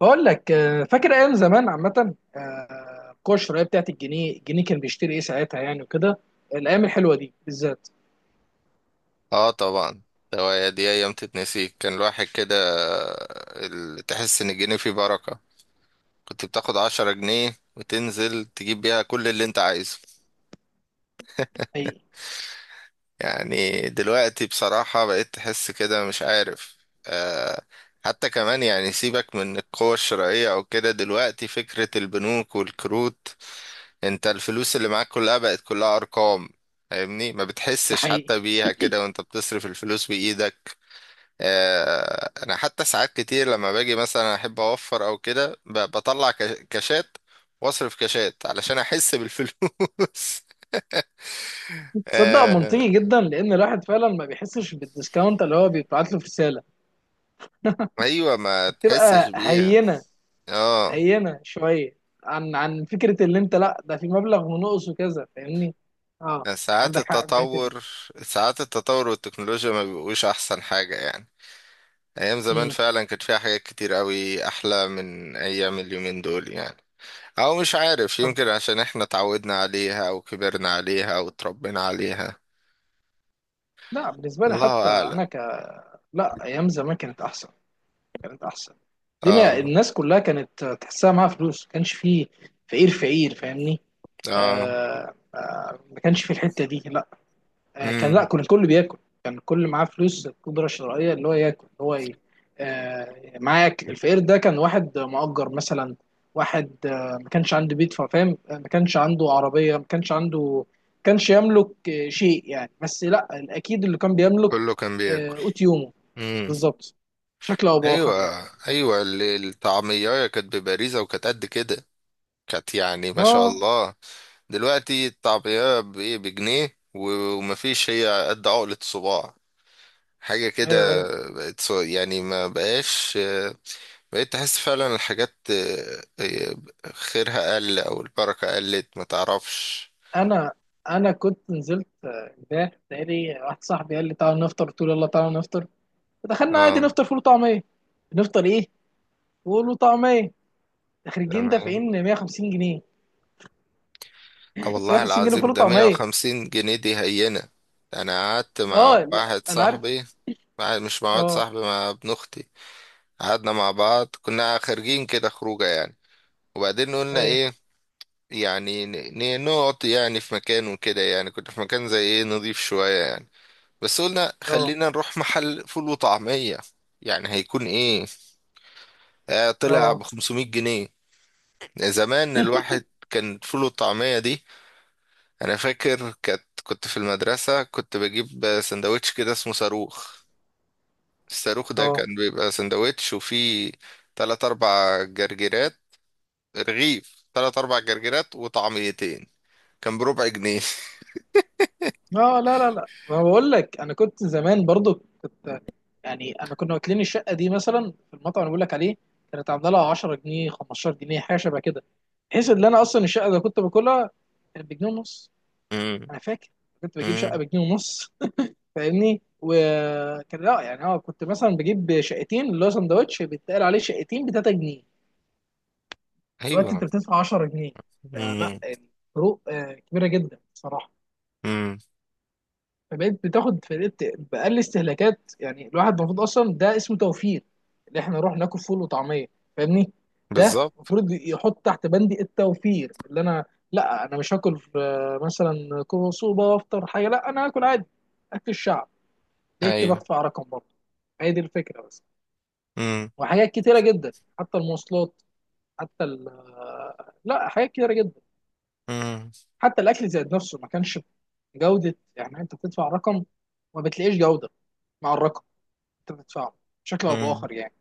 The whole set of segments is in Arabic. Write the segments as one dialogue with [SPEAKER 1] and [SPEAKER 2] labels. [SPEAKER 1] بقول لك، آه، فاكر ايام زمان عامه، آه، القوه الشرائيه بتاعت الجنيه كان بيشتري ايه ساعتها يعني وكده. الايام الحلوه دي بالذات.
[SPEAKER 2] اه طبعا. دي ايام تتنسي، كان الواحد كده تحس ان الجنيه فيه بركة. كنت بتاخد عشرة جنيه وتنزل تجيب بيها كل اللي انت عايزه.
[SPEAKER 1] حقيقي.
[SPEAKER 2] يعني دلوقتي بصراحة بقيت تحس كده مش عارف. آه، حتى كمان يعني سيبك من القوة الشرائية او كده، دلوقتي فكرة البنوك والكروت، انت الفلوس اللي معاك كلها بقت كلها ارقام. فاهمني؟ ما
[SPEAKER 1] ده
[SPEAKER 2] بتحسش
[SPEAKER 1] حقيقي.
[SPEAKER 2] حتى بيها كده وانت بتصرف الفلوس بإيدك. انا حتى ساعات كتير لما باجي مثلا احب اوفر او كده بطلع كاشات واصرف كاشات علشان احس بالفلوس.
[SPEAKER 1] تصدق
[SPEAKER 2] آه،
[SPEAKER 1] منطقي جدا لان الواحد فعلا ما بيحسش بالديسكاونت اللي هو بيبعت له في رساله،
[SPEAKER 2] ايوه، ما تحسش
[SPEAKER 1] فبتبقى
[SPEAKER 2] بيها.
[SPEAKER 1] هينه.
[SPEAKER 2] اه.
[SPEAKER 1] هينه شويه. عن فكره اللي انت، لا ده في مبلغ ونقص وكذا فاهمني. اه،
[SPEAKER 2] ساعات
[SPEAKER 1] عندك حق في الحته دي.
[SPEAKER 2] التطور، ساعات التطور والتكنولوجيا ما بيبقوش احسن حاجة يعني. ايام زمان
[SPEAKER 1] مم.
[SPEAKER 2] فعلا كانت فيها حاجات كتير قوي احلى من ايام اليومين دول يعني. او مش عارف،
[SPEAKER 1] طب،
[SPEAKER 2] يمكن عشان احنا اتعودنا عليها او كبرنا عليها او اتربينا عليها.
[SPEAKER 1] لا بالنسبه لي
[SPEAKER 2] الله
[SPEAKER 1] حتى
[SPEAKER 2] اعلم.
[SPEAKER 1] انا ك، لا ايام زمان كانت احسن. كانت احسن. دينا
[SPEAKER 2] اه.
[SPEAKER 1] الناس كلها كانت تحسها معاها فلوس، ما كانش فيه فقير فقير فاهمني.
[SPEAKER 2] اه.
[SPEAKER 1] آه آه، ما كانش في الحته دي لا. آه كان، لا
[SPEAKER 2] امم.
[SPEAKER 1] كان الكل بياكل. كان الكل معاه فلوس قدره شرائيه، اللي هو ياكل اللي هو ي-، آه معاه ياكل. الفقير ده كان واحد مؤجر مثلا، واحد ما كانش عنده بيت فاهم، آه، ما كانش عنده عربيه، ما كانش عنده، ما كانش يملك آه، شيء يعني، بس لا، اكيد اللي كان بيملك
[SPEAKER 2] كله كان
[SPEAKER 1] آه
[SPEAKER 2] بياكل.
[SPEAKER 1] قوت يومه.
[SPEAKER 2] امم.
[SPEAKER 1] بالظبط. بشكل او باخر يعني.
[SPEAKER 2] ايوه ايوه، الطعميه كانت بباريزه وكانت قد كده، كانت يعني ما شاء
[SPEAKER 1] اه،
[SPEAKER 2] الله. دلوقتي الطعميه بايه؟ بجنيه و ومفيش، هي قد عقله صباع، حاجه كده.
[SPEAKER 1] ايوه ايوه،
[SPEAKER 2] يعني ما بقاش، بقيت تحس فعلا الحاجات آه، خيرها قل او البركه قلت ما تعرفش.
[SPEAKER 1] انا انا كنت نزلت آه، امبارح تقريبا، واحد صاحبي قال لي تعالى نفطر، قلت له يلا تعالى نفطر. فدخلنا عادي
[SPEAKER 2] اه.
[SPEAKER 1] نفطر فول وطعميه. نفطر ايه؟ فول وطعميه. خارجين
[SPEAKER 2] تمام.
[SPEAKER 1] دافعين 150 جنيه.
[SPEAKER 2] آه والله
[SPEAKER 1] 150 جنيه فول
[SPEAKER 2] العظيم، ده
[SPEAKER 1] وطعميه.
[SPEAKER 2] 150 جنيه دي هينة. انا قعدت مع
[SPEAKER 1] اه لا
[SPEAKER 2] واحد
[SPEAKER 1] انا عارف.
[SPEAKER 2] صاحبي، مش مع واحد
[SPEAKER 1] اه،
[SPEAKER 2] صاحبي، مع ابن اختي. قعدنا مع بعض، كنا خارجين كده خروجه يعني. وبعدين قلنا
[SPEAKER 1] ايوه،
[SPEAKER 2] ايه، يعني نقعد يعني في مكان وكده، يعني كنا في مكان زي ايه نضيف شوية يعني. بس قلنا
[SPEAKER 1] اه
[SPEAKER 2] خلينا نروح محل فول وطعمية، يعني هيكون ايه. آه، طلع
[SPEAKER 1] اه
[SPEAKER 2] ب 500 جنيه. زمان الواحد كان فول وطعمية دي، انا فاكر كانت، كنت في المدرسة كنت بجيب سندوتش كده اسمه صاروخ. الصاروخ ده
[SPEAKER 1] اه
[SPEAKER 2] كان بيبقى سندوتش وفيه تلات اربع جرجيرات، رغيف تلات اربع جرجيرات وطعميتين، كان بربع جنيه.
[SPEAKER 1] اه، لا لا لا، ما بقول لك انا كنت زمان برضو كنت، يعني انا كنا واكلين الشقه دي مثلا في المطعم اللي بقول لك عليه، كانت عامله لها 10 جنيه 15 جنيه، حاجه شبه كده، بحيث ان انا اصلا الشقه اللي كنت باكلها كانت بجنيه ونص.
[SPEAKER 2] امم.
[SPEAKER 1] انا فاكر كنت بجيب شقه
[SPEAKER 2] امم.
[SPEAKER 1] بجنيه ونص. فاهمني، وكان لا يعني اه، كنت مثلا بجيب شقتين اللي هو سندوتش بيتقال عليه شقتين ب 3 جنيه. دلوقتي
[SPEAKER 2] ايوه.
[SPEAKER 1] انت بتدفع 10 جنيه. فلا،
[SPEAKER 2] امم.
[SPEAKER 1] الفروق آه، كبيره جدا بصراحه.
[SPEAKER 2] امم.
[SPEAKER 1] فبقيت بتاخد فرقت بأقل استهلاكات، يعني الواحد المفروض اصلا ده اسمه توفير، اللي احنا نروح ناكل فول وطعميه. فاهمني، ده
[SPEAKER 2] بالظبط.
[SPEAKER 1] المفروض يحط تحت بندي التوفير، اللي انا، لا انا مش هاكل في- مثلا كوسوبه وافطر حاجه، لا انا هاكل عادي اكل الشعب، لقيت
[SPEAKER 2] ايوه.
[SPEAKER 1] بدفع رقم برضه. هي دي الفكره بس.
[SPEAKER 2] امم.
[SPEAKER 1] وحاجات كتيره جدا، حتى المواصلات، حتى ال-، لا حاجات كتيره جدا.
[SPEAKER 2] امم.
[SPEAKER 1] حتى الاكل زاد نفسه، ما كانش جوده، يعني انت بتدفع رقم وما بتلاقيش جوده مع الرقم انت بتدفعه، بشكل او
[SPEAKER 2] امم.
[SPEAKER 1] باخر يعني.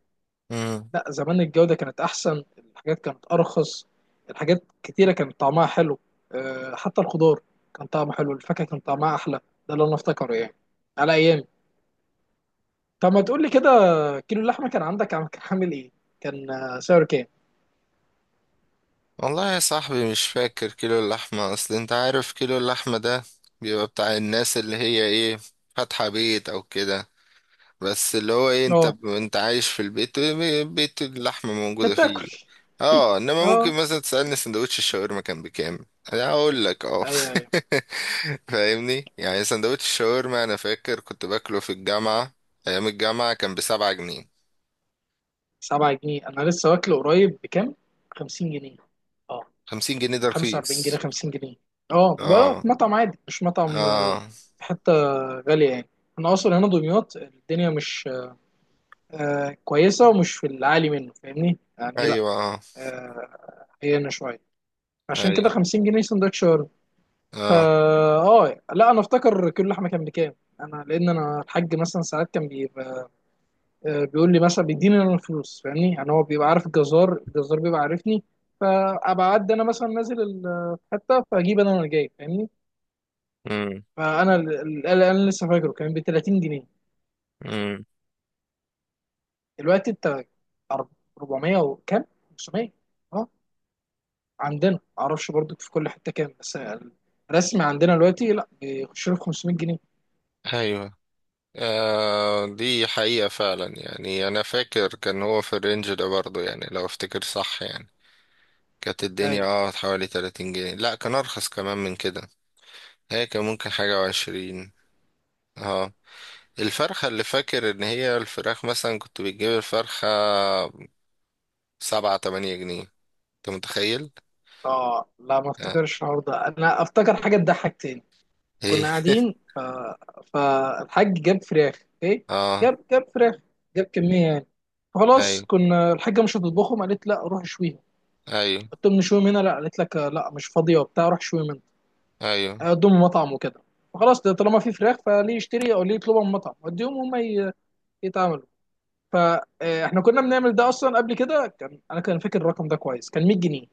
[SPEAKER 2] امم.
[SPEAKER 1] لا زمان الجوده كانت احسن، الحاجات كانت ارخص، الحاجات كتيره كانت طعمها حلو. أه حتى الخضار كان طعمه حلو، الفاكهه كان طعمها احلى. ده اللي انا افتكره يعني على ايامي. طب ما تقول لي كده، كيلو اللحمه كان عندك عم-، كان عامل ايه؟ كان آه، سعره كام؟
[SPEAKER 2] والله يا صاحبي مش فاكر كيلو اللحمة، اصل انت عارف كيلو اللحمة ده بيبقى بتاع الناس اللي هي ايه، فاتحة بيت او كده، بس اللي هو ايه، انت
[SPEAKER 1] اه،
[SPEAKER 2] انت عايش في البيت، بيت اللحمة
[SPEAKER 1] انت
[SPEAKER 2] موجودة
[SPEAKER 1] بتاكل.
[SPEAKER 2] فيه. اه، انما ممكن
[SPEAKER 1] اه،
[SPEAKER 2] مثلا تسألني سندوتش الشاورما كان بكام، انا اقول لك. اه.
[SPEAKER 1] ايوه ايوه.
[SPEAKER 2] فاهمني؟ يعني سندوتش الشاورما انا فاكر كنت باكله في الجامعة، ايام الجامعة كان بسبعة جنيه.
[SPEAKER 1] 7 جنيه؟ انا لسه واكله قريب بكام؟ 50 جنيه. اه.
[SPEAKER 2] خمسين جنيه ده
[SPEAKER 1] 45 جنيه،
[SPEAKER 2] رخيص.
[SPEAKER 1] 50 جنيه. اه، بلا
[SPEAKER 2] اه.
[SPEAKER 1] مطعم عادي مش مطعم، آه،
[SPEAKER 2] اه.
[SPEAKER 1] حتة غالية يعني. انا اصلا هنا دمياط، الدنيا مش آه، كويسة ومش في العالي منه فاهمني يعني، لا
[SPEAKER 2] ايوه. اه.
[SPEAKER 1] آه، هي هنا شوية. عشان كده
[SPEAKER 2] ايوه.
[SPEAKER 1] 50 جنيه سندوتش وارد. فا،
[SPEAKER 2] اه.
[SPEAKER 1] اه لا انا افتكر كيلو لحمة كان بكام. انا، لان انا الحاج مثلا ساعات كان بيبقى، آه، بيقول لي مثلا بيديني انا الفلوس، فاهمني، يعني هو بيبقى عارف الجزار، الجزار بيبقى عارفني، فابقى اعدي انا مثلا نازل ال- حته فاجيب انا وانا جاي فاهمني.
[SPEAKER 2] امم.
[SPEAKER 1] فانا ال- ال- ال- انا لسه فاكره كان ب 30 جنيه.
[SPEAKER 2] امم.
[SPEAKER 1] دلوقتي انت أر-، 400 وكام، 500. اه عندنا معرفش برضو في كل حته كام، بس الرسمي عندنا دلوقتي لا بيخش له في 500 جنيه.
[SPEAKER 2] ايوه. آه، دي حقيقة فعلا يعني، أنا فاكر كان هو في الرينج ده برضه يعني، لو أفتكر صح يعني كانت الدنيا
[SPEAKER 1] ايوه.
[SPEAKER 2] اه حوالي 30 جنيه، لا كان أرخص كمان من كده، هي كان ممكن حاجة وعشرين. اه. الفرخة اللي فاكر إن هي الفراخ مثلا، كنت بتجيب الفرخة سبعة تمانية جنيه. أنت متخيل؟
[SPEAKER 1] اه لا ما
[SPEAKER 2] آه.
[SPEAKER 1] افتكرش الحوار ده، انا افتكر حاجه تضحك تاني.
[SPEAKER 2] إيه؟
[SPEAKER 1] كنا قاعدين ف... فالحاج جاب فراخ اوكي،
[SPEAKER 2] اه.
[SPEAKER 1] جاب فراخ، جاب كميه يعني. فخلاص
[SPEAKER 2] أيوه.
[SPEAKER 1] كنا، الحاجه مش هتطبخهم، قالت لا روح شويهم.
[SPEAKER 2] أيوه.
[SPEAKER 1] قلت لهم نشويهم هنا، لا قالت لك آه، لا مش فاضيه وبتاع، روح شويهم هنا.
[SPEAKER 2] أيوه.
[SPEAKER 1] اقدم مطعم وكده. فخلاص طالما في فراخ، فليه يشتري او ليه يطلبها من مطعم، وديهم هم ي- يتعاملوا. فاحنا كنا بنعمل ده اصلا قبل كده، كان انا كان فاكر الرقم ده كويس، كان 100 جنيه.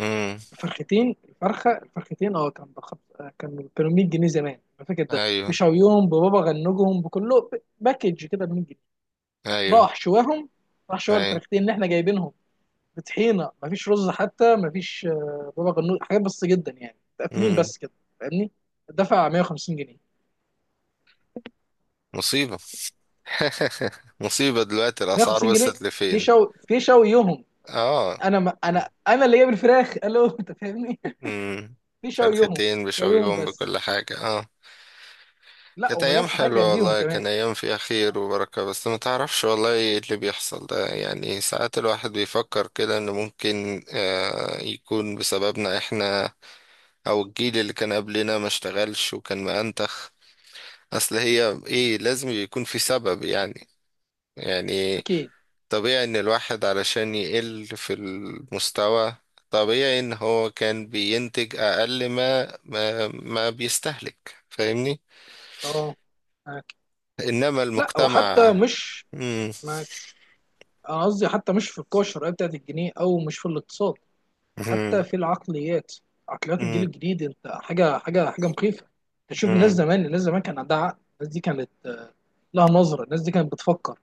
[SPEAKER 2] أمم.
[SPEAKER 1] الفرختين الفرخه الفرختين اه كان بخ...، كان كانوا 100 جنيه زمان انا فاكر، ده
[SPEAKER 2] أيوه.
[SPEAKER 1] بشويهم ببابا غنوجهم بكله ب- باكج كده ب 100 جنيه.
[SPEAKER 2] أيوه.
[SPEAKER 1] راح شواهم، راح شوى
[SPEAKER 2] أيوه.
[SPEAKER 1] الفرختين اللي احنا جايبينهم بطحينه، مفيش رز، حتى مفيش آه، بابا غنوج، حاجات بس جدا يعني، متقفلين
[SPEAKER 2] أمم.
[SPEAKER 1] بس كده فاهمني. دفع 150 جنيه.
[SPEAKER 2] مصيبة. مصيبة دلوقتي الأسعار
[SPEAKER 1] 150 جنيه
[SPEAKER 2] وصلت
[SPEAKER 1] في
[SPEAKER 2] لفين.
[SPEAKER 1] شو، في شويهم.
[SPEAKER 2] اه.
[SPEAKER 1] انا ما انا، انا اللي جايب الفراخ الو انت فاهمني.
[SPEAKER 2] امم.
[SPEAKER 1] في شويهم.
[SPEAKER 2] فرختين
[SPEAKER 1] شويهم
[SPEAKER 2] بشويهم
[SPEAKER 1] بس.
[SPEAKER 2] بكل حاجة؟ اه.
[SPEAKER 1] لا
[SPEAKER 2] كانت
[SPEAKER 1] وما
[SPEAKER 2] أيام
[SPEAKER 1] جابش حاجه
[SPEAKER 2] حلوة
[SPEAKER 1] جنبيهم
[SPEAKER 2] والله،
[SPEAKER 1] كمان.
[SPEAKER 2] كان أيام فيها خير وبركة. بس ما تعرفش والله إيه اللي بيحصل ده يعني. ساعات الواحد بيفكر كده إنه ممكن آه يكون بسببنا إحنا، أو الجيل اللي كان قبلنا ما اشتغلش وكان مأنتخ. أصل هي إيه، لازم يكون في سبب يعني. يعني
[SPEAKER 1] اكيد.
[SPEAKER 2] طبيعي ان الواحد علشان يقل في المستوى، طبيعي ان هو كان بينتج اقل ما بيستهلك. فاهمني؟
[SPEAKER 1] اه، معاك.
[SPEAKER 2] انما
[SPEAKER 1] لا، وحتى
[SPEAKER 2] المجتمع.
[SPEAKER 1] مش
[SPEAKER 2] مم.
[SPEAKER 1] معاك، انا قصدي حتى مش في القوى الشرائيه بتاعت الجنيه او مش في الاقتصاد، حتى
[SPEAKER 2] مم.
[SPEAKER 1] في العقليات. عقليات الجيل
[SPEAKER 2] مم.
[SPEAKER 1] الجديد انت، حاجه مخيفه. تشوف الناس
[SPEAKER 2] مم.
[SPEAKER 1] زمان، الناس زمان كان عندها عقل، الناس دي كانت لها نظره، الناس دي كانت بتفكر.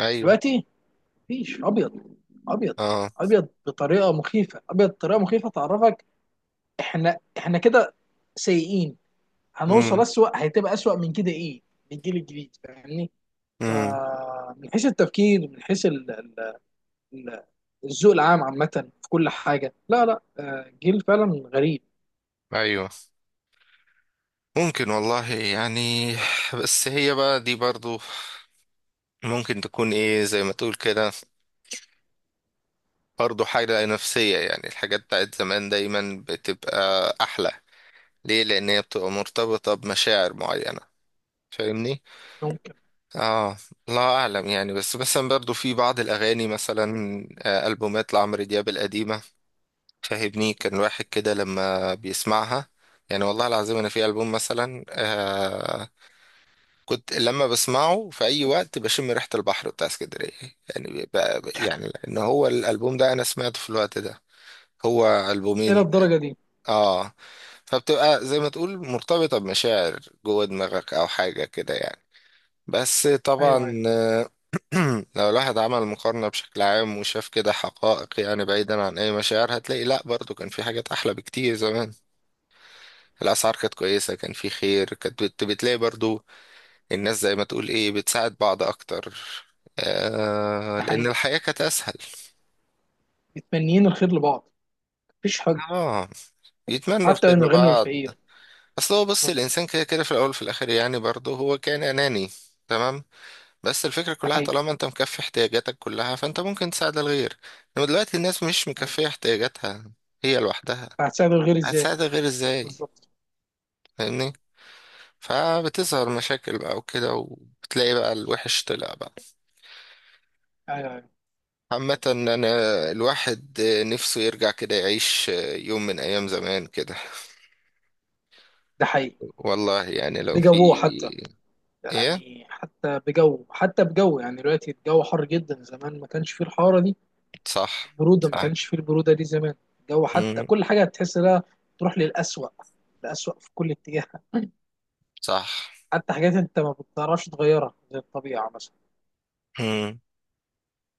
[SPEAKER 2] ايوه.
[SPEAKER 1] دلوقتي مفيش ابيض، ابيض،
[SPEAKER 2] اه.
[SPEAKER 1] ابيض بطريقه مخيفه. ابيض بطريقه مخيفه، تعرفك احنا كده سيئين، هنوصل
[SPEAKER 2] مم.
[SPEAKER 1] اسوأ، هتبقى اسوأ من كده ايه للجيل الجديد فاهمني.
[SPEAKER 2] مم.
[SPEAKER 1] فمن حيث التفكير، من حيث ال- ال- ال- الذوق العام عامه في كل حاجه، لا لا، آه، جيل فعلا غريب.
[SPEAKER 2] ايوه. ممكن والله يعني. بس هي بقى دي برضو ممكن تكون ايه، زي ما تقول كده، برضو حاجة نفسية يعني. الحاجات بتاعت زمان دايما بتبقى احلى، ليه؟ لان هي بتبقى مرتبطه بمشاعر معينه، فاهمني؟
[SPEAKER 1] ممكن.
[SPEAKER 2] اه. الله اعلم يعني، بس مثلا برضو في بعض الاغاني مثلا، آه، البومات لعمرو دياب القديمه، فاهمني؟ كان واحد كده لما بيسمعها، يعني والله العظيم انا في البوم مثلا آه، كنت لما بسمعه في اي وقت بشم ريحه البحر بتاع اسكندريه يعني، بقى يعني لان هو الالبوم ده انا سمعته في الوقت ده، هو
[SPEAKER 1] الى
[SPEAKER 2] البومين.
[SPEAKER 1] الدرجه دي؟
[SPEAKER 2] اه. فبتبقى زي ما تقول مرتبطة بمشاعر جوه دماغك أو حاجة كده يعني. بس
[SPEAKER 1] ايوه
[SPEAKER 2] طبعا
[SPEAKER 1] ايوه.
[SPEAKER 2] آه، لو الواحد عمل مقارنة بشكل عام وشاف كده حقائق يعني بعيدا عن أي مشاعر، هتلاقي لأ برضو كان في حاجات أحلى بكتير زمان. الأسعار كانت كويسة، كان في خير، بتلاقي برضو الناس زي ما تقول إيه، بتساعد بعض أكتر، آه
[SPEAKER 1] ده
[SPEAKER 2] لأن
[SPEAKER 1] حقيقي،
[SPEAKER 2] الحياة كانت أسهل.
[SPEAKER 1] متمنيين الخير لبعض، مفيش حد.
[SPEAKER 2] اه. يتمنوا
[SPEAKER 1] حتى
[SPEAKER 2] الخير
[SPEAKER 1] من الغني
[SPEAKER 2] لبعض.
[SPEAKER 1] والفقير.
[SPEAKER 2] اصل هو بص، الانسان كده كده في الاول وفي الاخر يعني برضه هو كان اناني، تمام، بس الفكره
[SPEAKER 1] ده
[SPEAKER 2] كلها
[SPEAKER 1] حقيقي.
[SPEAKER 2] طالما انت مكفي احتياجاتك كلها فانت ممكن تساعد الغير. انما دلوقتي الناس مش
[SPEAKER 1] أيوة.
[SPEAKER 2] مكفيه احتياجاتها هي لوحدها،
[SPEAKER 1] فهتساعد الغير ازاي؟
[SPEAKER 2] هتساعد الغير ازاي؟
[SPEAKER 1] بالظبط.
[SPEAKER 2] فاهمني؟ فبتظهر مشاكل بقى وكده، وبتلاقي بقى الوحش طلع بقى.
[SPEAKER 1] ايوه ايوه.
[SPEAKER 2] عامة أنا، الواحد نفسه يرجع كده يعيش يوم من أيام زمان كده،
[SPEAKER 1] ده حقيقي.
[SPEAKER 2] والله يعني لو في.
[SPEAKER 1] بجوه حتى،
[SPEAKER 2] إيه.
[SPEAKER 1] يعني حتى بجو، حتى بجو، يعني دلوقتي الجو حر جدا، زمان ما كانش فيه الحرارة دي،
[SPEAKER 2] صح.
[SPEAKER 1] البرودة ما
[SPEAKER 2] صح.
[SPEAKER 1] كانش فيه البرودة دي زمان. الجو، حتى
[SPEAKER 2] مم.
[SPEAKER 1] كل حاجة هتحس لها تروح للأسوأ، الأسوأ في كل اتجاه.
[SPEAKER 2] صح.
[SPEAKER 1] حتى حاجات انت ما بتعرفش تغيرها زي الطبيعة مثلا.
[SPEAKER 2] مم.